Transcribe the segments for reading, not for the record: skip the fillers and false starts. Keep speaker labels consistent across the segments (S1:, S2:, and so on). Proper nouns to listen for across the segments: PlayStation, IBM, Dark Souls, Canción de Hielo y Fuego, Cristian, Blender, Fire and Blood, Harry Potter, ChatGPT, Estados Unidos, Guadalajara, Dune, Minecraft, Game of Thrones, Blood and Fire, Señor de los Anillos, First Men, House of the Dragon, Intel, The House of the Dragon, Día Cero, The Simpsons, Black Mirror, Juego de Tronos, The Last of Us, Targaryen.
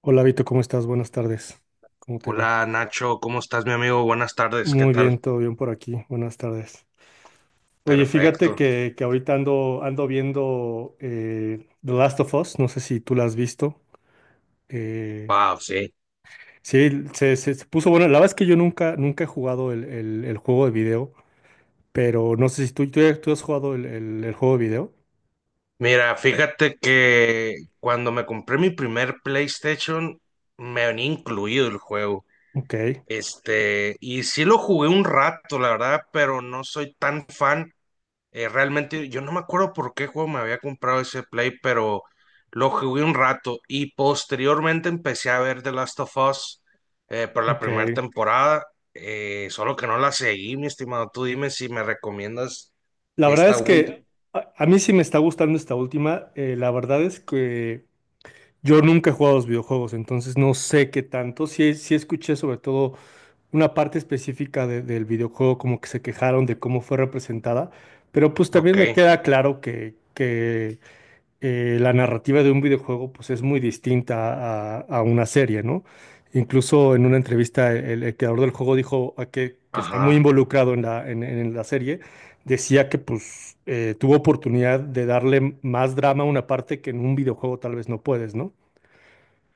S1: Hola Vito, ¿cómo estás? Buenas tardes. ¿Cómo te va?
S2: Hola Nacho, ¿cómo estás, mi amigo? Buenas tardes, ¿qué
S1: Muy
S2: tal?
S1: bien, todo bien por aquí. Buenas tardes. Oye, fíjate
S2: Perfecto.
S1: que ahorita ando viendo The Last of Us. No sé si tú la has visto. Eh,
S2: Wow, sí.
S1: sí, se puso bueno. La verdad es que yo nunca he jugado el juego de video, pero no sé si tú has jugado el juego de video.
S2: Mira, fíjate que cuando me compré mi primer PlayStation, me venía incluido el juego.
S1: Ok,
S2: Y sí lo jugué un rato, la verdad, pero no soy tan fan. Realmente yo no me acuerdo por qué juego me había comprado ese Play, pero lo jugué un rato y posteriormente empecé a ver The Last of Us por la primera
S1: ok.
S2: temporada, solo que no la seguí, mi estimado. Tú dime si me recomiendas
S1: La verdad
S2: esta
S1: es
S2: última.
S1: que a mí sí me está gustando esta última. La verdad es que... Yo nunca he jugado a los videojuegos, entonces no sé qué tanto. Sí, sí escuché sobre todo una parte específica del videojuego, como que se quejaron de cómo fue representada, pero pues también
S2: Ok,
S1: me queda claro que la narrativa de un videojuego pues es muy distinta a una serie, ¿no? Incluso en una entrevista el creador del juego dijo a que está muy
S2: ajá.
S1: involucrado en en la serie, decía que pues tuvo oportunidad de darle más drama a una parte que en un videojuego tal vez no puedes, ¿no?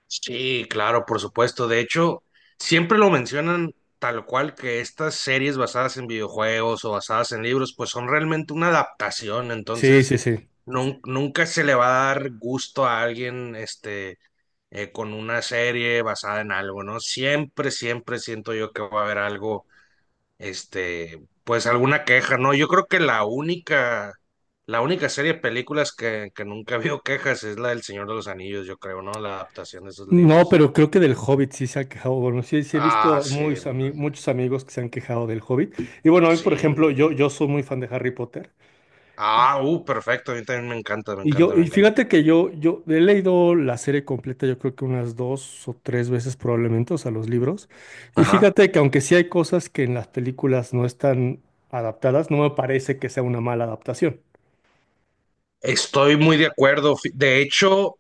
S2: Sí, claro, por supuesto. De hecho, siempre lo mencionan tal cual, que estas series basadas en videojuegos o basadas en libros, pues son realmente una adaptación.
S1: Sí,
S2: Entonces,
S1: sí, sí.
S2: nunca se le va a dar gusto a alguien, con una serie basada en algo, ¿no? Siempre, siempre siento yo que va a haber algo, pues alguna queja, ¿no? Yo creo que la única serie de películas que nunca vio quejas es la del Señor de los Anillos, yo creo, ¿no? La adaptación de esos
S1: No,
S2: libros.
S1: pero creo que del Hobbit sí se ha quejado. Bueno, sí, sí he
S2: Ah,
S1: visto
S2: sí,
S1: muchos amigos que se han quejado del Hobbit. Y bueno, hoy, por ejemplo,
S2: sí.
S1: yo soy muy fan de Harry Potter.
S2: Ah, perfecto, a mí también me encanta, me
S1: Y
S2: encanta,
S1: yo,
S2: me
S1: y
S2: encanta.
S1: fíjate que yo he leído la serie completa, yo creo que unas dos o tres veces probablemente, o sea, los libros. Y
S2: Ajá,
S1: fíjate que aunque sí hay cosas que en las películas no están adaptadas, no me parece que sea una mala adaptación.
S2: estoy muy de acuerdo. De hecho,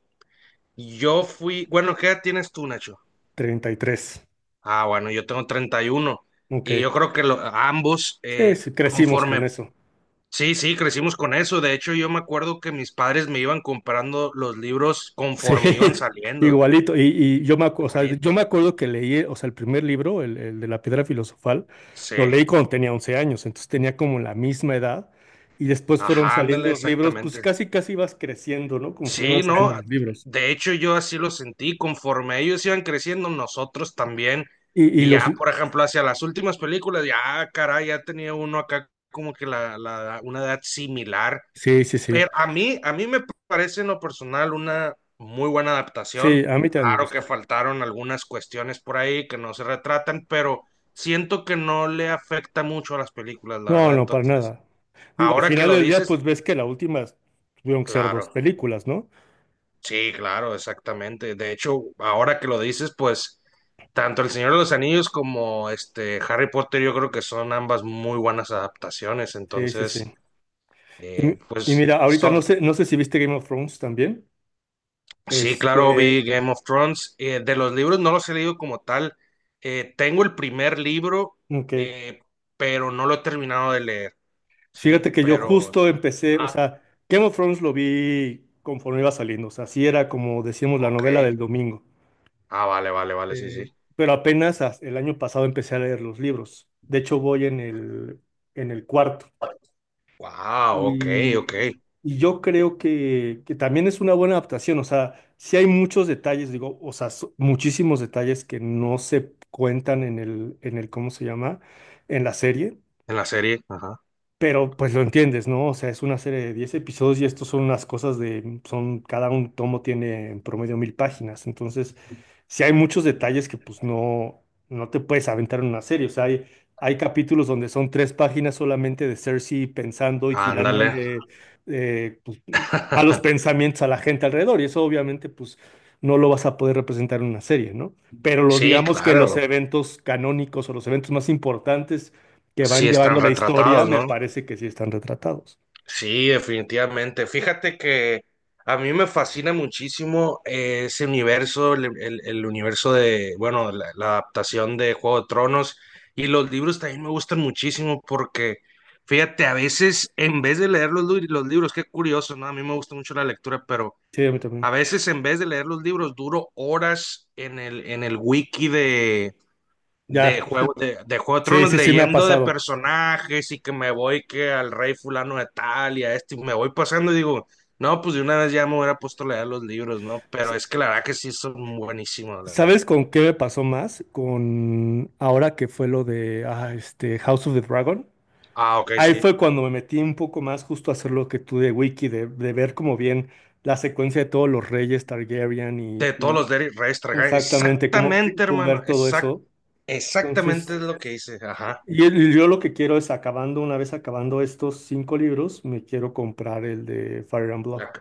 S2: yo fui, bueno, ¿qué edad tienes tú, Nacho?
S1: 33.
S2: Ah, bueno, yo tengo 31 y uno. Y yo
S1: Ok.
S2: creo que ambos,
S1: Sí, sí, crecimos con
S2: conforme,
S1: eso.
S2: sí, sí, crecimos con eso. De hecho, yo me acuerdo que mis padres me iban comprando los libros
S1: Sí,
S2: conforme iban saliendo,
S1: igualito. Y yo me, o sea, yo
S2: igualito.
S1: me acuerdo que leí, o sea, el primer libro, el de la piedra filosofal,
S2: Sí,
S1: lo leí cuando tenía 11 años, entonces tenía como la misma edad. Y después fueron
S2: ajá,
S1: saliendo
S2: ándale,
S1: los libros, pues
S2: exactamente.
S1: casi, casi vas creciendo, ¿no? Conforme van
S2: Sí, no,
S1: saliendo los libros.
S2: de hecho yo así lo sentí, conforme ellos iban creciendo, nosotros también,
S1: Y
S2: y
S1: los...
S2: ya, por ejemplo, hacia las últimas películas, ya, caray, ya tenía uno acá como que una edad similar,
S1: Sí, sí,
S2: pero
S1: sí.
S2: a mí me parece en lo personal una muy buena
S1: Sí,
S2: adaptación,
S1: a mí también me
S2: claro que
S1: gusta.
S2: faltaron algunas cuestiones por ahí que no se retratan, pero siento que no le afecta mucho a las películas, la
S1: No,
S2: verdad,
S1: no, para
S2: entonces,
S1: nada. Digo, al
S2: ahora que
S1: final
S2: lo
S1: del día,
S2: dices,
S1: pues ves que la última tuvieron que ser dos
S2: claro.
S1: películas, ¿no?
S2: Sí, claro, exactamente. De hecho, ahora que lo dices, pues tanto El Señor de los Anillos como este Harry Potter, yo creo que son ambas muy buenas adaptaciones.
S1: Sí, sí, sí.
S2: Entonces,
S1: Y, y
S2: pues
S1: mira, ahorita no
S2: son.
S1: sé, no sé si viste Game of Thrones también.
S2: Sí, claro,
S1: Este,
S2: vi Game of Thrones. De los libros no los he leído como tal. Tengo el primer libro,
S1: ok.
S2: eh, pero no lo he terminado de leer. Sí,
S1: Fíjate que yo
S2: pero.
S1: justo empecé, o
S2: Ah,
S1: sea, Game of Thrones lo vi conforme iba saliendo, o sea, sí era como decíamos la
S2: ok.
S1: novela del domingo.
S2: Ah, vale, vale, vale, sí, sí.
S1: Eh, pero apenas el año pasado empecé a leer los libros. De hecho, voy en el cuarto.
S2: Wow, ok,
S1: Y,
S2: ok. En
S1: y yo creo que también es una buena adaptación, o sea, sí hay muchos detalles, digo, o sea, muchísimos detalles que no se cuentan en el ¿cómo se llama? En la serie.
S2: la serie, ajá.
S1: Pero pues lo entiendes, ¿no? O sea, es una serie de 10 episodios y estos son unas cosas de, son, cada un tomo tiene en promedio 1000 páginas. Entonces, sí hay muchos detalles que no te puedes aventar en una serie. O sea, hay capítulos donde son tres páginas solamente de Cersei pensando y
S2: Ándale.
S1: tirándole eh, pues, malos pensamientos a la gente alrededor. Y eso obviamente pues no lo vas a poder representar en una serie, ¿no? Pero los,
S2: Sí,
S1: digamos que los
S2: claro,
S1: eventos canónicos o los eventos más importantes que
S2: sí
S1: van llevando
S2: están
S1: la historia,
S2: retratados,
S1: me
S2: ¿no?
S1: parece que sí están retratados.
S2: Sí, definitivamente. Fíjate que a mí me fascina muchísimo ese universo, el universo de, bueno, la adaptación de Juego de Tronos y los libros también me gustan muchísimo porque, fíjate, a veces en vez de leer los libros, qué curioso, ¿no? A mí me gusta mucho la lectura, pero
S1: Sí, a mí
S2: a
S1: también.
S2: veces en vez de leer los libros duro horas en el wiki.
S1: Ya,
S2: De Juego de
S1: sí,
S2: Tronos,
S1: sí, sí me ha
S2: leyendo de
S1: pasado.
S2: personajes y que me voy que al rey fulano de tal y a este, y me voy pasando y digo, no, pues de una vez ya me hubiera puesto a leer los libros, ¿no?
S1: S-
S2: Pero es que la verdad que sí son buenísimos, la
S1: ¿Sabes
S2: verdad.
S1: con qué me pasó más? Con ahora que fue lo de este House of the Dragon.
S2: Ah, ok,
S1: Ahí
S2: sí.
S1: fue cuando me metí un poco más justo a hacer lo que tú de Wiki, de ver como bien la secuencia de todos los reyes Targaryen y,
S2: De todos
S1: y
S2: los de Reyes Targaryen.
S1: exactamente cómo,
S2: Exactamente,
S1: cómo
S2: hermano.
S1: ver todo eso.
S2: Exactamente
S1: Entonces,
S2: es lo que hice. Ajá.
S1: y yo lo que quiero es acabando, una vez acabando estos cinco libros, me quiero comprar el de Fire and Blood.
S2: La-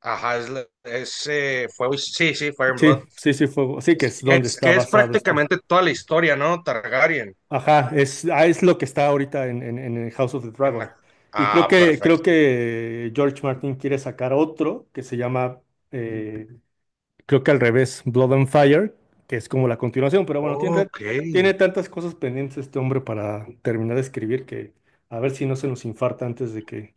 S2: ajá, es, la- es, fue, sí, sí, Fire and Blood.
S1: Sí, sí, sí, fuego. Sí, que es donde
S2: Es
S1: está
S2: que es
S1: basado esto.
S2: prácticamente toda la historia, ¿no? Targaryen.
S1: Ajá, es lo que está ahorita en, en el House of the
S2: En
S1: Dragon.
S2: la,
S1: Y
S2: ah, perfecto.
S1: creo que George Martin quiere sacar otro que se llama, eh, creo que al revés, Blood and Fire, que es como la continuación. Pero bueno, tiene,
S2: Ok,
S1: tiene tantas cosas pendientes este hombre para terminar de escribir que a ver si no se nos infarta antes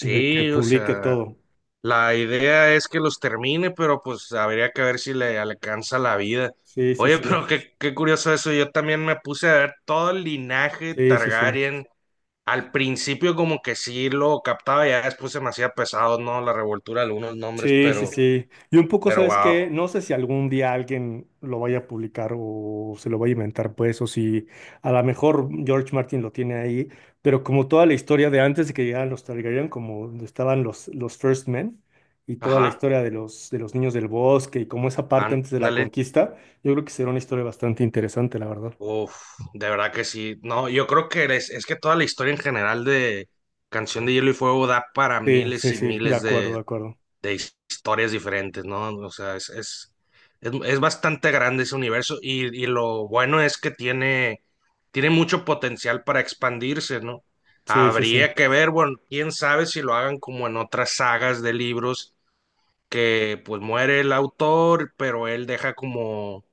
S1: de que
S2: o
S1: publique
S2: sea,
S1: todo.
S2: la idea es que los termine, pero pues habría que ver si le alcanza la vida.
S1: Sí, sí,
S2: Oye,
S1: sí.
S2: pero qué, qué curioso eso, yo también me puse a ver todo el linaje
S1: Sí, sí, sí.
S2: Targaryen. Al principio como que sí lo captaba, ya después se me hacía pesado, ¿no? La revoltura de algunos nombres,
S1: Sí, sí, sí. Y un poco,
S2: pero
S1: ¿sabes qué?
S2: wow.
S1: No sé si algún día alguien lo vaya a publicar o se lo vaya a inventar, pues, o si a lo mejor George Martin lo tiene ahí, pero como toda la historia de antes de que llegaran los Targaryen, como donde estaban los First Men y toda la
S2: Ajá,
S1: historia de los niños del bosque y como esa parte antes de la
S2: ándale.
S1: conquista, yo creo que será una historia bastante interesante, la verdad.
S2: Uf, de verdad que sí. No, yo creo que es que toda la historia en general de Canción de Hielo y Fuego da para
S1: Sí,
S2: miles
S1: sí,
S2: y
S1: sí, de
S2: miles
S1: acuerdo, de acuerdo.
S2: de historias diferentes, ¿no? O sea, es bastante grande ese universo y lo bueno es que tiene, tiene mucho potencial para expandirse, ¿no?
S1: Sí, sí, sí.
S2: Habría que ver, bueno, quién sabe si lo hagan como en otras sagas de libros que pues muere el autor, pero él deja como,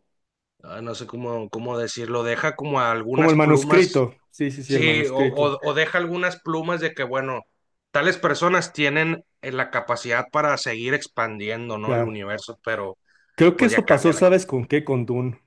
S2: ah, no sé cómo, cómo decirlo, deja como
S1: Como el
S2: algunas plumas.
S1: manuscrito. Sí, sí, sí, el
S2: Sí,
S1: manuscrito.
S2: o deja algunas plumas de que, bueno, tales personas tienen la capacidad para seguir expandiendo, ¿no? El
S1: Ya.
S2: universo, pero
S1: Creo que
S2: pues ya
S1: eso pasó,
S2: cambia la cosa.
S1: ¿sabes con qué? Con Dune.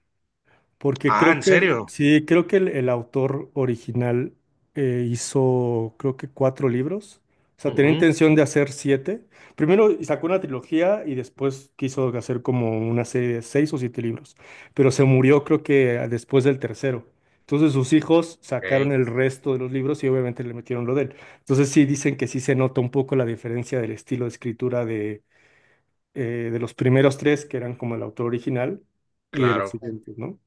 S1: Porque
S2: Ah,
S1: creo
S2: ¿en
S1: que,
S2: serio?
S1: sí, creo que el autor original hizo, creo que cuatro libros. O sea, tenía
S2: Ujú,
S1: intención de hacer siete. Primero sacó una trilogía y después quiso hacer como una serie de seis o siete libros. Pero se murió, creo que después del tercero. Entonces sus hijos sacaron
S2: ok,
S1: el resto de los libros y obviamente le metieron lo de él. Entonces sí dicen que sí se nota un poco la diferencia del estilo de escritura de los primeros tres, que eran como el autor original, y de los
S2: claro.
S1: siguientes, ¿no?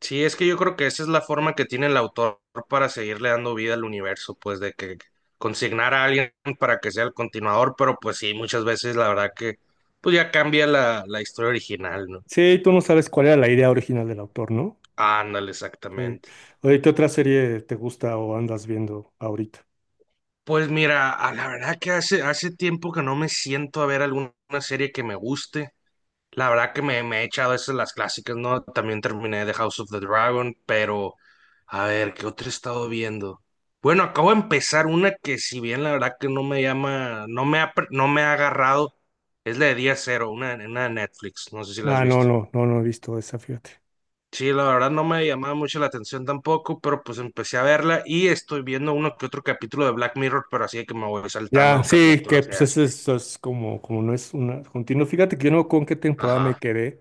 S2: Sí, es que yo creo que esa es la forma que tiene el autor para seguirle dando vida al universo, pues de que consignar a alguien para que sea el continuador, pero pues sí, muchas veces la verdad que pues ya cambia la historia original, ¿no?
S1: Sí, tú no sabes cuál era la idea original del autor, ¿no?
S2: Ándale,
S1: Sí.
S2: exactamente.
S1: Oye, ¿qué otra serie te gusta o andas viendo ahorita?
S2: Pues mira, a la verdad que hace, hace tiempo que no me siento a ver alguna serie que me guste. La verdad que me he echado esas las clásicas, ¿no? También terminé The House of the Dragon, pero a ver, ¿qué otra he estado viendo? Bueno, acabo de empezar una que si bien la verdad que no me llama, no me ha, no me ha agarrado, es la de Día Cero, una de Netflix, no sé si la has
S1: Ah, no,
S2: visto.
S1: no, no, no he visto esa, fíjate.
S2: Sí, la verdad no me llamaba mucho la atención tampoco, pero pues empecé a verla y estoy viendo uno que otro capítulo de Black Mirror, pero así de que me voy
S1: Ya,
S2: saltando
S1: sí, que
S2: capítulos
S1: pues
S2: de así.
S1: eso es como, como no es una continua. Fíjate que yo no con qué temporada me
S2: Ajá,
S1: quedé,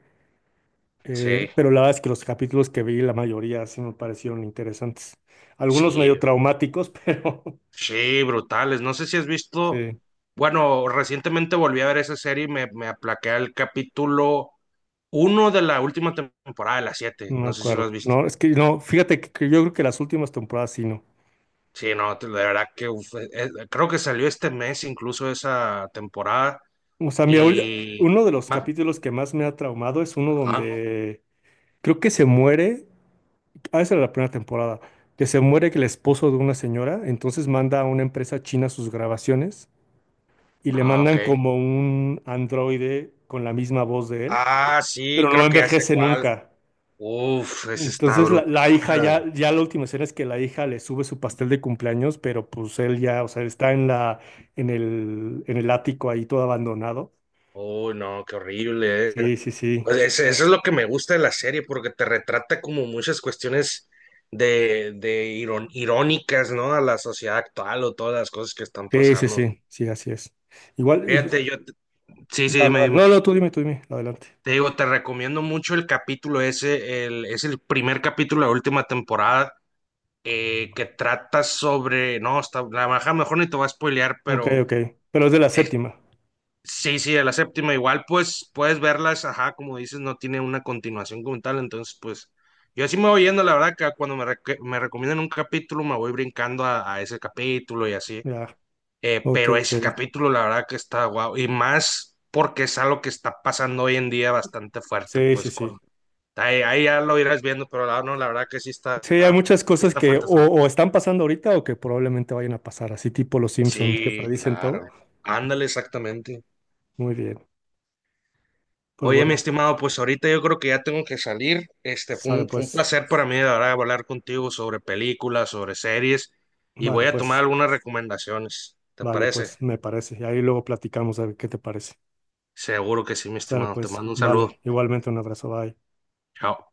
S2: sí,
S1: pero la verdad es que los capítulos que vi, la mayoría sí me parecieron interesantes. Algunos
S2: sí,
S1: medio traumáticos, pero
S2: sí, brutales. No sé si has visto,
S1: sí.
S2: bueno, recientemente volví a ver esa serie y me aplaqué al capítulo uno de la última temporada de las siete.
S1: No me
S2: No sé si lo
S1: acuerdo.
S2: has visto.
S1: No, es que no, fíjate que yo creo que las últimas temporadas sí no.
S2: Sí, no, de verdad que uf, creo que salió este mes incluso esa temporada
S1: O sea, mira, ahorita-
S2: y...
S1: uno de los
S2: Ah,
S1: capítulos que más me ha traumado es uno
S2: ah,
S1: donde creo que se muere, esa era la primera temporada, que se muere el esposo de una señora, entonces manda a una empresa china sus grabaciones y le
S2: ah, ok.
S1: mandan como un androide con la misma voz de él,
S2: Ah, sí,
S1: pero no
S2: creo que ya sé
S1: envejece
S2: cuál.
S1: nunca.
S2: Uf, ese está
S1: Entonces
S2: brutal.
S1: la hija ya, ya la última escena es que la hija le sube su pastel de cumpleaños, pero pues él ya, o sea, está en la, en el ático ahí todo abandonado.
S2: Uy, no, qué horrible, eh.
S1: Sí, sí, sí.
S2: Pues eso es lo que me gusta de la serie, porque te retrata como muchas cuestiones de irónicas, ¿no? A la sociedad actual o todas las cosas que están
S1: Sí, sí,
S2: pasando.
S1: sí, sí, así es. Igual, y, pues,
S2: Fíjate, sí, sí,
S1: dale,
S2: dime,
S1: dale.
S2: dime.
S1: No, no, tú dime, adelante.
S2: Te digo, te recomiendo mucho el capítulo ese, el, es el primer capítulo de la última temporada, que trata sobre, no, está, la baja, mejor ni te voy a spoilear,
S1: Ok,
S2: pero
S1: ok. Pero es de la
S2: eh,
S1: séptima.
S2: sí, sí, a la séptima igual, pues puedes verlas, ajá, como dices, no tiene una continuación como tal, entonces pues yo así me voy yendo, la verdad, que cuando me, me recomiendan un capítulo me voy brincando a ese capítulo y así,
S1: Ya. Ok,
S2: pero
S1: ok.
S2: ese capítulo la verdad que está guau, y más porque es algo que está pasando hoy en día bastante fuerte,
S1: Sí, sí,
S2: pues con...
S1: sí.
S2: Ahí, ahí ya lo irás viendo, pero la, no, la verdad que
S1: Sí, hay muchas
S2: sí
S1: cosas
S2: está
S1: que
S2: fuerte son.
S1: o están pasando ahorita o que probablemente vayan a pasar, así tipo los Simpsons que
S2: Sí,
S1: predicen todo.
S2: claro. Ándale, exactamente.
S1: Muy bien. Pues
S2: Oye, mi
S1: bueno,
S2: estimado, pues ahorita yo creo que ya tengo que salir. Este
S1: sale
S2: fue un
S1: pues.
S2: placer para mí de verdad hablar contigo sobre películas, sobre series, y
S1: Vale,
S2: voy a tomar
S1: pues.
S2: algunas recomendaciones. ¿Te
S1: Vale,
S2: parece?
S1: pues me parece. Y ahí luego platicamos a ver qué te parece.
S2: Seguro que sí, mi
S1: Sale,
S2: estimado. Te
S1: pues,
S2: mando un saludo.
S1: vale. Igualmente un abrazo, bye.
S2: Chao.